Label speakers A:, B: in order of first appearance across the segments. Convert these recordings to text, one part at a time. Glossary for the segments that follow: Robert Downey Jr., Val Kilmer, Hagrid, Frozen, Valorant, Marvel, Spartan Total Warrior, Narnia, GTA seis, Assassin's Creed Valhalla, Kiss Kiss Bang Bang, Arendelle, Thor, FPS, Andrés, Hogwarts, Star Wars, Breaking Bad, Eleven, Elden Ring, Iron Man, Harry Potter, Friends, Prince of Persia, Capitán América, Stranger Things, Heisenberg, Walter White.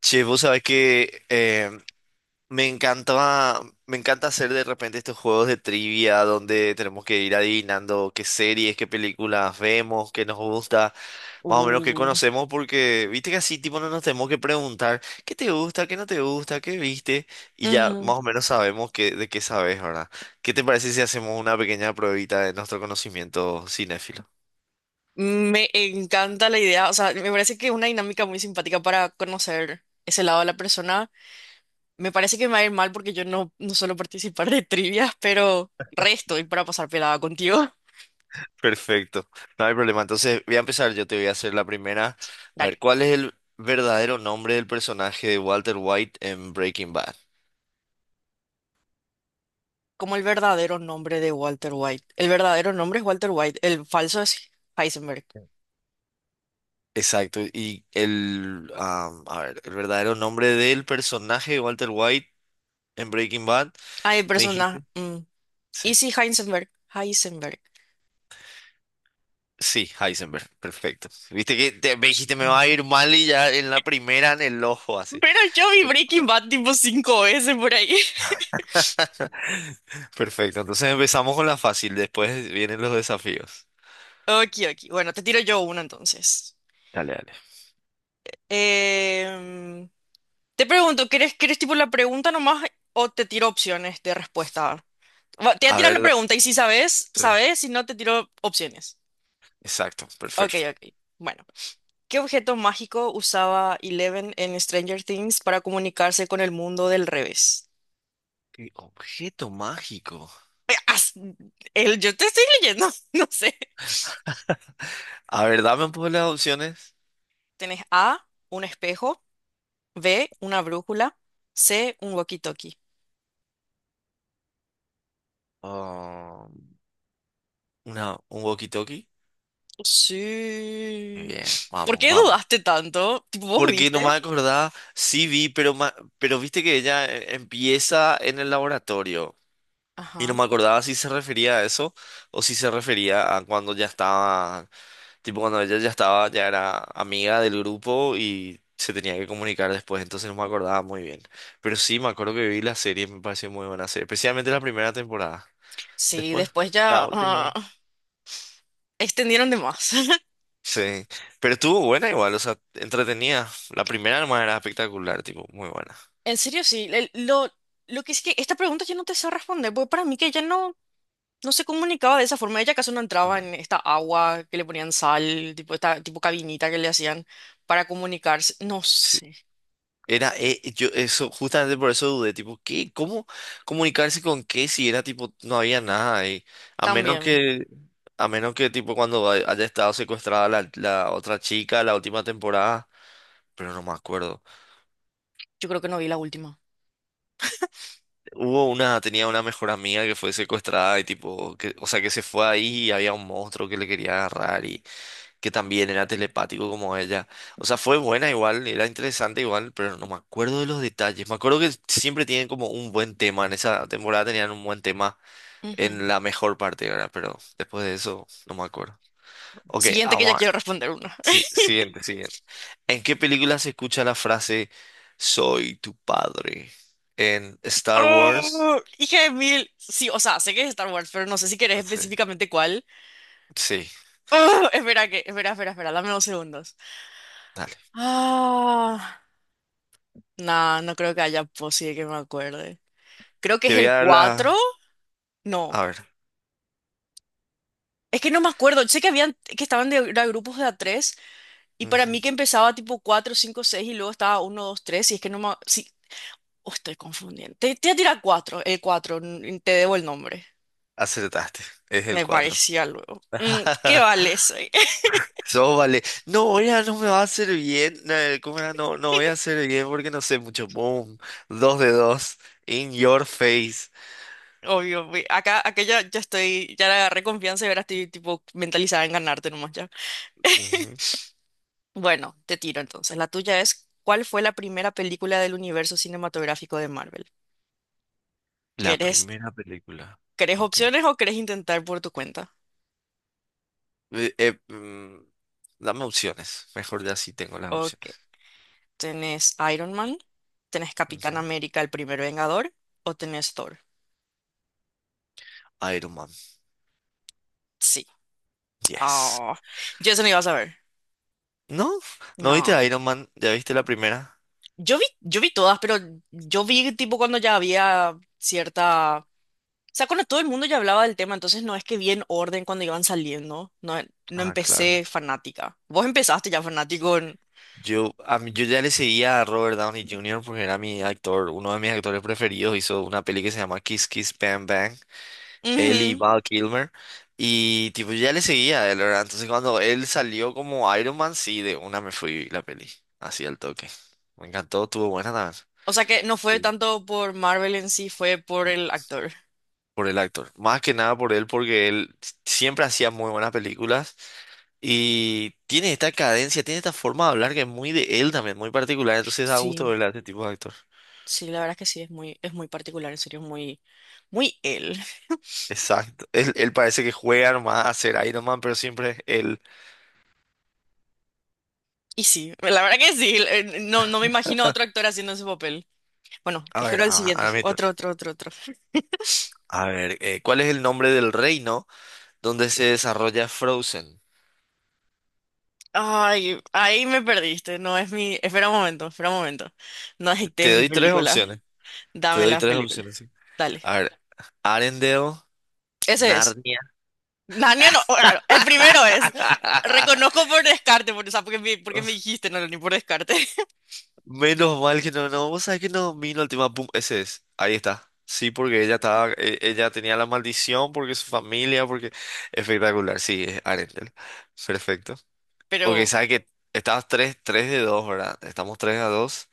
A: Che, vos sabés que me encantaba, me encanta hacer de repente estos juegos de trivia donde tenemos que ir adivinando qué series, qué películas vemos, qué nos gusta, más o menos qué
B: Uh,
A: conocemos, porque viste que así tipo no nos tenemos que preguntar qué te gusta, qué no te gusta, qué viste, y ya
B: Ujú.
A: más o menos sabemos qué, de qué sabes, ¿verdad? ¿Qué te parece si hacemos una pequeña pruebita de nuestro conocimiento cinéfilo?
B: Me encanta la idea, o sea, me parece que es una dinámica muy simpática para conocer ese lado de la persona. Me parece que me va a ir mal porque yo no, no suelo participar de trivias, pero resto y para pasar pelada contigo.
A: Perfecto, no hay problema. Entonces voy a empezar, yo te voy a hacer la primera. A
B: Dale.
A: ver, ¿cuál es el verdadero nombre del personaje de Walter White en Breaking Bad?
B: Como el verdadero nombre de Walter White. El verdadero nombre es Walter White, el falso es Heisenberg.
A: Exacto, y el, a ver, el verdadero nombre del personaje de Walter White en Breaking Bad,
B: Ay,
A: ¿me
B: persona.
A: dijiste? Sí,
B: ¿Y si Heisenberg? Heisenberg.
A: sí, Heisenberg, perfecto. Viste que me dijiste me va
B: Mm.
A: a ir mal y ya en la primera en el ojo así.
B: Pero yo vi Breaking Bad tipo cinco veces por ahí.
A: Perfecto, entonces empezamos con la fácil, después vienen los desafíos.
B: Ok, ok. Bueno, te tiro yo una entonces.
A: Dale, dale.
B: Em, Te pregunto, ¿quieres tipo la pregunta nomás o te tiro opciones de respuesta? Va, te voy a
A: A
B: tirar la
A: ver,
B: pregunta y si sabes,
A: sí,
B: sabes, si no te tiro opciones.
A: exacto,
B: Ok,
A: perfecto.
B: ok. Bueno, ¿qué objeto mágico usaba Eleven en Stranger Things para comunicarse con el mundo del revés?
A: ¿Qué objeto mágico?
B: Eh, as- yo te estoy leyendo, no sé.
A: A ver, dame un poco las opciones.
B: Tenés A, un espejo, B, una brújula, C, un walkie-talkie.
A: Ah, una, un walkie-talkie. Muy
B: Sí.
A: bien,
B: ¿Por
A: vamos,
B: qué
A: vamos.
B: dudaste tanto? Tipo, ¿vos
A: Porque
B: viste?
A: no me acordaba, sí vi, pero, pero viste que ella empieza en el laboratorio. Y no
B: Ajá.
A: me acordaba si se refería a eso o si se refería a cuando ya estaba, tipo cuando ella ya estaba, ya era amiga del grupo y se tenía que comunicar después, entonces no me acordaba muy bien. Pero sí, me acuerdo que vi la serie, me pareció muy buena serie, especialmente la primera temporada.
B: Sí,
A: Después,
B: después
A: la
B: ya
A: última.
B: extendieron de más.
A: Sí, pero estuvo buena igual, o sea, entretenida. La primera nomás era espectacular, tipo, muy buena.
B: En serio, sí. Lo que es que esta pregunta yo no te sé responder, porque para mí que ella no, no se comunicaba de esa forma. Ella acaso no entraba
A: Ah.
B: en esta agua que le ponían sal, tipo esta tipo cabinita que le hacían para comunicarse. No
A: Sí.
B: sé.
A: Era, yo, eso, justamente por eso dudé, tipo, ¿qué? ¿Cómo comunicarse con qué si era, tipo, no había nada ahí? A menos
B: También,
A: que, a menos que, tipo, cuando haya estado secuestrada la, la otra chica la última temporada, pero no me acuerdo.
B: yo creo que no vi la última.
A: Hubo una, tenía una mejor amiga que fue secuestrada y, tipo, que, o sea, que se fue ahí y había un monstruo que le quería agarrar que también era telepático como ella. O sea, fue buena igual, era interesante igual, pero no me acuerdo de los detalles. Me acuerdo que siempre tienen como un buen tema, en esa temporada tenían un buen tema
B: Ujú.
A: en la mejor parte, ¿verdad? Pero después de eso, no me acuerdo. Ok,
B: Siguiente que ya
A: Amar.
B: quiero responder una.
A: Sí, siguiente, siguiente. ¿En qué película se escucha la frase Soy tu padre? ¿En Star Wars?
B: ¡Oh! Hija de mil. Sí, o sea, sé que es Star Wars, pero no sé si querés
A: Sí.
B: específicamente cuál.
A: Sí,
B: ¡Oh! Espera que, espera, espera, espera, dame 2 segundos.
A: dale.
B: Ah, no, no creo que haya posible que me acuerde. Creo que
A: Te
B: es
A: voy
B: el
A: a dar
B: 4.
A: la...
B: No,
A: A ver.
B: es que no me acuerdo. Sé que habían, que estaban de, era grupos de A3 y para mí que
A: Ujú.
B: empezaba tipo 4, 5, 6 y luego estaba uno, 2, 3 y es que no me... Sí, oh, estoy confundiendo. Te voy a tirar 4, el 4. Te debo el nombre.
A: Acertaste. Es el
B: Me
A: 4.
B: parecía luego. ¿Qué vale soy?
A: Sóbale. No, ya no me va a hacer bien. ¿Cómo era? No, no voy a hacer bien porque no sé mucho. Boom. Dos de dos. In your face.
B: Obvio, acá ya, ya estoy, ya le agarré confianza y ahora estoy tipo mentalizada en ganarte nomás ya.
A: Ujú.
B: Bueno, te tiro entonces. La tuya es, ¿cuál fue la primera película del universo cinematográfico de Marvel?
A: La
B: ¿Querés,
A: primera película.
B: querés
A: Ok.
B: opciones o querés intentar por tu cuenta?
A: Eh, eh, mm, Dame opciones. Mejor ya sí tengo las
B: Ok,
A: opciones.
B: ¿tenés Iron Man? ¿Tenés Capitán
A: Ujú.
B: América, el primer Vengador? ¿O tenés Thor?
A: Iron Man.
B: Sí.
A: Yes.
B: Ah, yo eso no iba a saber.
A: ¿No? ¿No
B: No.
A: viste Iron Man? ¿Ya viste la primera?
B: Yo vi todas, pero yo vi tipo cuando ya había cierta... O sea, cuando todo el mundo ya hablaba del tema, entonces no es que vi en orden cuando iban saliendo. No, no
A: Ah, claro.
B: empecé fanática. Vos empezaste ya fanático.
A: Yo ya le seguía a Robert Downey Jr. porque era mi actor, uno de mis actores preferidos. Hizo una peli que se llama Kiss Kiss Bang Bang. Él y
B: Ujú.
A: Val Kilmer. Y tipo, yo ya le seguía a él, ¿verdad? Entonces cuando él salió como Iron Man, sí, de una me fui la peli. Así al toque. Me encantó, estuvo buena también.
B: O sea que no fue
A: Sí.
B: tanto por Marvel en sí, fue por el actor.
A: Por el actor. Más que nada por él, porque él siempre hacía muy buenas películas. Y tiene esta cadencia, tiene esta forma de hablar que es muy de él también, muy particular. Entonces da gusto
B: Sí,
A: verle a este tipo de actor.
B: sí, la verdad que sí, es muy particular, en serio, es muy, muy él.
A: Exacto. Él parece que juega nomás a ser Iron Man, pero siempre es él.
B: Y sí, la verdad que sí, no, no me imagino a otro actor haciendo ese papel. Bueno,
A: A ver,
B: espero el
A: ahora,
B: siguiente.
A: ahora mi
B: Otro,
A: turno.
B: otro, otro, otro.
A: A ver, ¿cuál es el nombre del reino donde se desarrolla Frozen?
B: Ay, ahí me perdiste, no es mi... Espera un momento, espera un momento. No
A: Te,
B: acepté
A: te
B: mi
A: doy tres
B: película.
A: opciones. Te
B: Dame
A: doy
B: las
A: tres
B: películas.
A: opciones, sí.
B: Dale.
A: A ver, Arendelle,
B: Ese es.
A: Narnia.
B: Daniel, no, bueno, el primero es. Reconozco por descarte, por, o sea, porque me
A: Uf,
B: dijiste, no, ni por descarte.
A: menos mal que no, no, vos sabés que no domino el tema, pum, ese es, ahí está. Sí, porque ella estaba, ella tenía la maldición, porque su familia, porque espectacular, sí, es Arendelle. Perfecto. Ok,
B: Pero,
A: sabes que estabas 3. 3 de 2, ¿verdad? Estamos 3 a 2.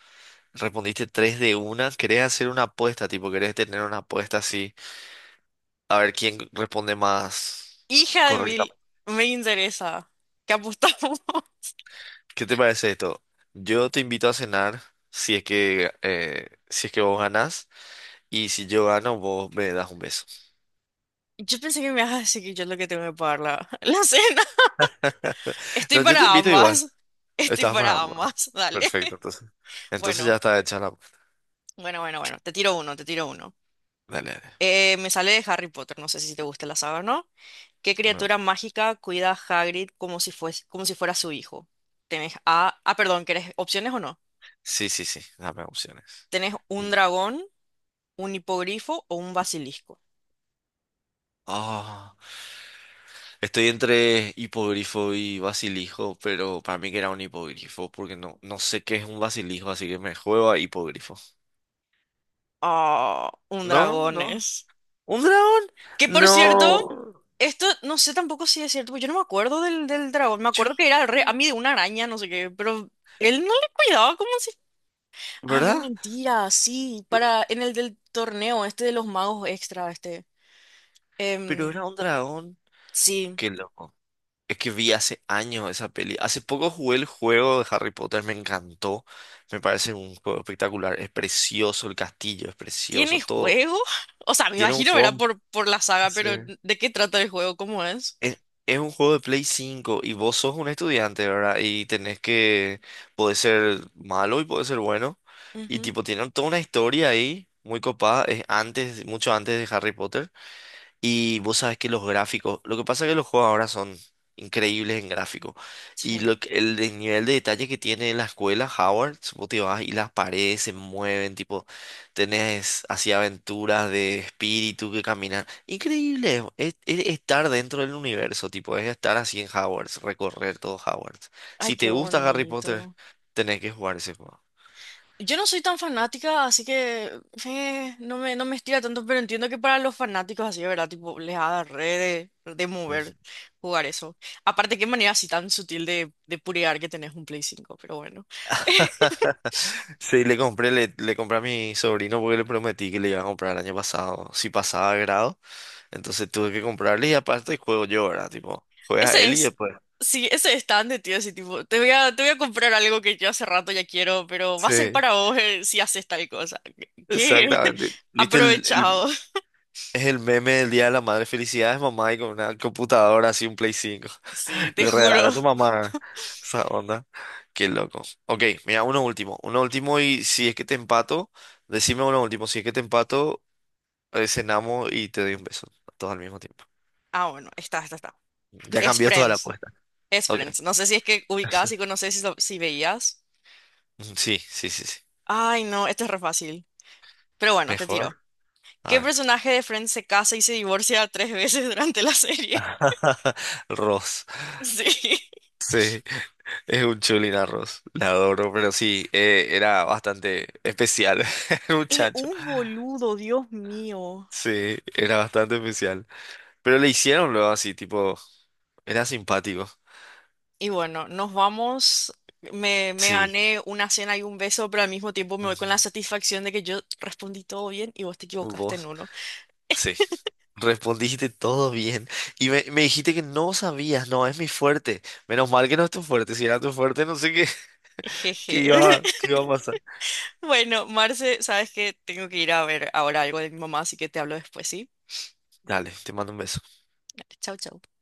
A: Respondiste 3 de una. ¿Querés hacer una apuesta, tipo, querés tener una apuesta así? A ver quién responde más
B: hija de mil,
A: correctamente.
B: me interesa. ¿Qué apostamos?
A: ¿Qué te parece esto? Yo te invito a cenar si es que si es que vos ganás y si yo gano vos me das un beso.
B: Yo pensé que me ibas a decir que yo es lo que tengo que pagar la cena. Estoy
A: No, yo te
B: para
A: invito igual.
B: ambas. Estoy
A: Estás para
B: para
A: ambos. ¿No?
B: ambas. Dale.
A: Perfecto, entonces. Entonces ya
B: Bueno,
A: está hecha la.
B: bueno, bueno, bueno. Te tiro uno, te tiro uno.
A: Dale, dale.
B: Me sale de Harry Potter. No sé si te gusta la saga, o ¿no? ¿Qué
A: No.
B: criatura mágica cuida a Hagrid como si fuese, como si fuera su hijo? Tenés a... Ah, perdón, ¿querés opciones o no?
A: Sí, sí, sí. Dame opciones.
B: Tenés un
A: Y-
B: dragón, un hipogrifo o un basilisco.
A: Ah, estoy entre hipogrifo y basilijo, pero para mí que era un hipogrifo, porque no, no sé qué es un basilijo, así que me juego a hipogrifo.
B: Ah, un
A: No,
B: dragón
A: no.
B: es.
A: ¿Un dragón?
B: Que por cierto,
A: No.
B: esto no sé tampoco si es cierto, porque yo no me acuerdo del dragón. Me
A: Yo,
B: acuerdo que era re a mí de una araña, no sé qué, pero él no le cuidaba como si. Ah, no,
A: ¿verdad?
B: mentira, sí,
A: Pero,
B: para en el del torneo, este de los magos extra, este.
A: pero
B: Em,
A: era un dragón.
B: sí.
A: Qué loco. Es que vi hace años esa peli. Hace poco jugué el juego de Harry Potter, me encantó. Me parece un juego espectacular. Es precioso el castillo, es precioso
B: ¿Tiene
A: todo.
B: juego? O sea, me
A: Tiene un
B: imagino, verá
A: juego.
B: por la saga,
A: Sí.
B: pero ¿de qué trata el juego? ¿Cómo es?
A: Es un juego de Play 5 y vos sos un estudiante, ¿verdad? Y tenés que, puede ser malo y puede ser bueno. Y
B: Ujú,
A: tipo, tienen toda una historia ahí, muy copada, es antes, mucho antes de Harry Potter. Y vos sabes que los gráficos, lo que pasa es que los juegos ahora son increíbles en gráficos. Y
B: sí.
A: lo que- el, de- nivel de detalle que tiene la escuela, Howard, vos te vas y las paredes se mueven, tipo, tenés así aventuras de espíritu que caminan. Increíble, es estar dentro del universo, tipo, es estar así en Howard, recorrer todo Howard.
B: Ay,
A: Si
B: qué
A: te gusta Harry Potter,
B: bonito.
A: tenés que jugar ese juego.
B: Yo no soy tan fanática, así que no me estira tanto, pero entiendo que para los fanáticos así, de ¿verdad? Tipo, les ha re de
A: Ujú.
B: mover jugar eso. Aparte, qué manera así tan sutil de purear que tenés un Play 5 pero bueno.
A: Sí, le compré, le compré a mi sobrino porque le prometí que le iba a comprar el año pasado, si pasaba grado, entonces tuve que comprarle y aparte juego yo, ¿verdad? Tipo, juegas a
B: Ese
A: él y
B: es,
A: después.
B: sí, ese es tan de tío, así tipo, te voy a comprar algo que yo hace rato ya quiero, pero va a ser
A: Sí,
B: para vos si haces tal cosa. ¿Qué?
A: exactamente. ¿Viste el,
B: Aprovechado.
A: es el meme del Día de la Madre? Felicidades, mamá, y con una computadora así, un Play 5.
B: Sí, te
A: Le regalará
B: juro.
A: a tu mamá esa onda. Qué loco. Ok, mira, uno último y si es que te empato, decime uno último, si es que te empato, cenamos y te doy un beso, todo al mismo tiempo.
B: Ah, bueno, está, está, está.
A: Ya
B: Es
A: cambió toda la
B: Friends.
A: apuesta.
B: Es
A: Ok.
B: Friends. No sé si es que ubicabas y conoces si, si veías.
A: Sí, sí, sí, sí.
B: Ay, no, esto es re fácil. Pero bueno, te tiro.
A: Mejor. A
B: ¿Qué
A: ver.
B: personaje de Friends se casa y se divorcia tres veces durante la serie?
A: Ross.
B: Sí.
A: Sí, es un chulín a Ross. La adoro, pero sí, era bastante especial el
B: Es
A: muchacho.
B: un boludo, Dios mío.
A: Sí, era bastante especial. Pero le hicieron luego así, tipo, era simpático.
B: Y bueno, nos vamos. Me
A: Sí.
B: gané una cena y un beso, pero al mismo tiempo me voy con
A: Ujú.
B: la satisfacción de que yo respondí todo bien y vos te equivocaste en
A: ¿Vos?
B: uno.
A: Sí. Respondiste todo bien. Y me dijiste que no sabías, no, es mi fuerte. Menos mal que no es tu fuerte. Si era tu fuerte, no sé qué, qué
B: Jeje.
A: iba, qué iba a pasar.
B: Bueno, Marce, sabes que tengo que ir a ver ahora algo de mi mamá, así que te hablo después, ¿sí?
A: Dale, te mando un beso.
B: Chau, chau.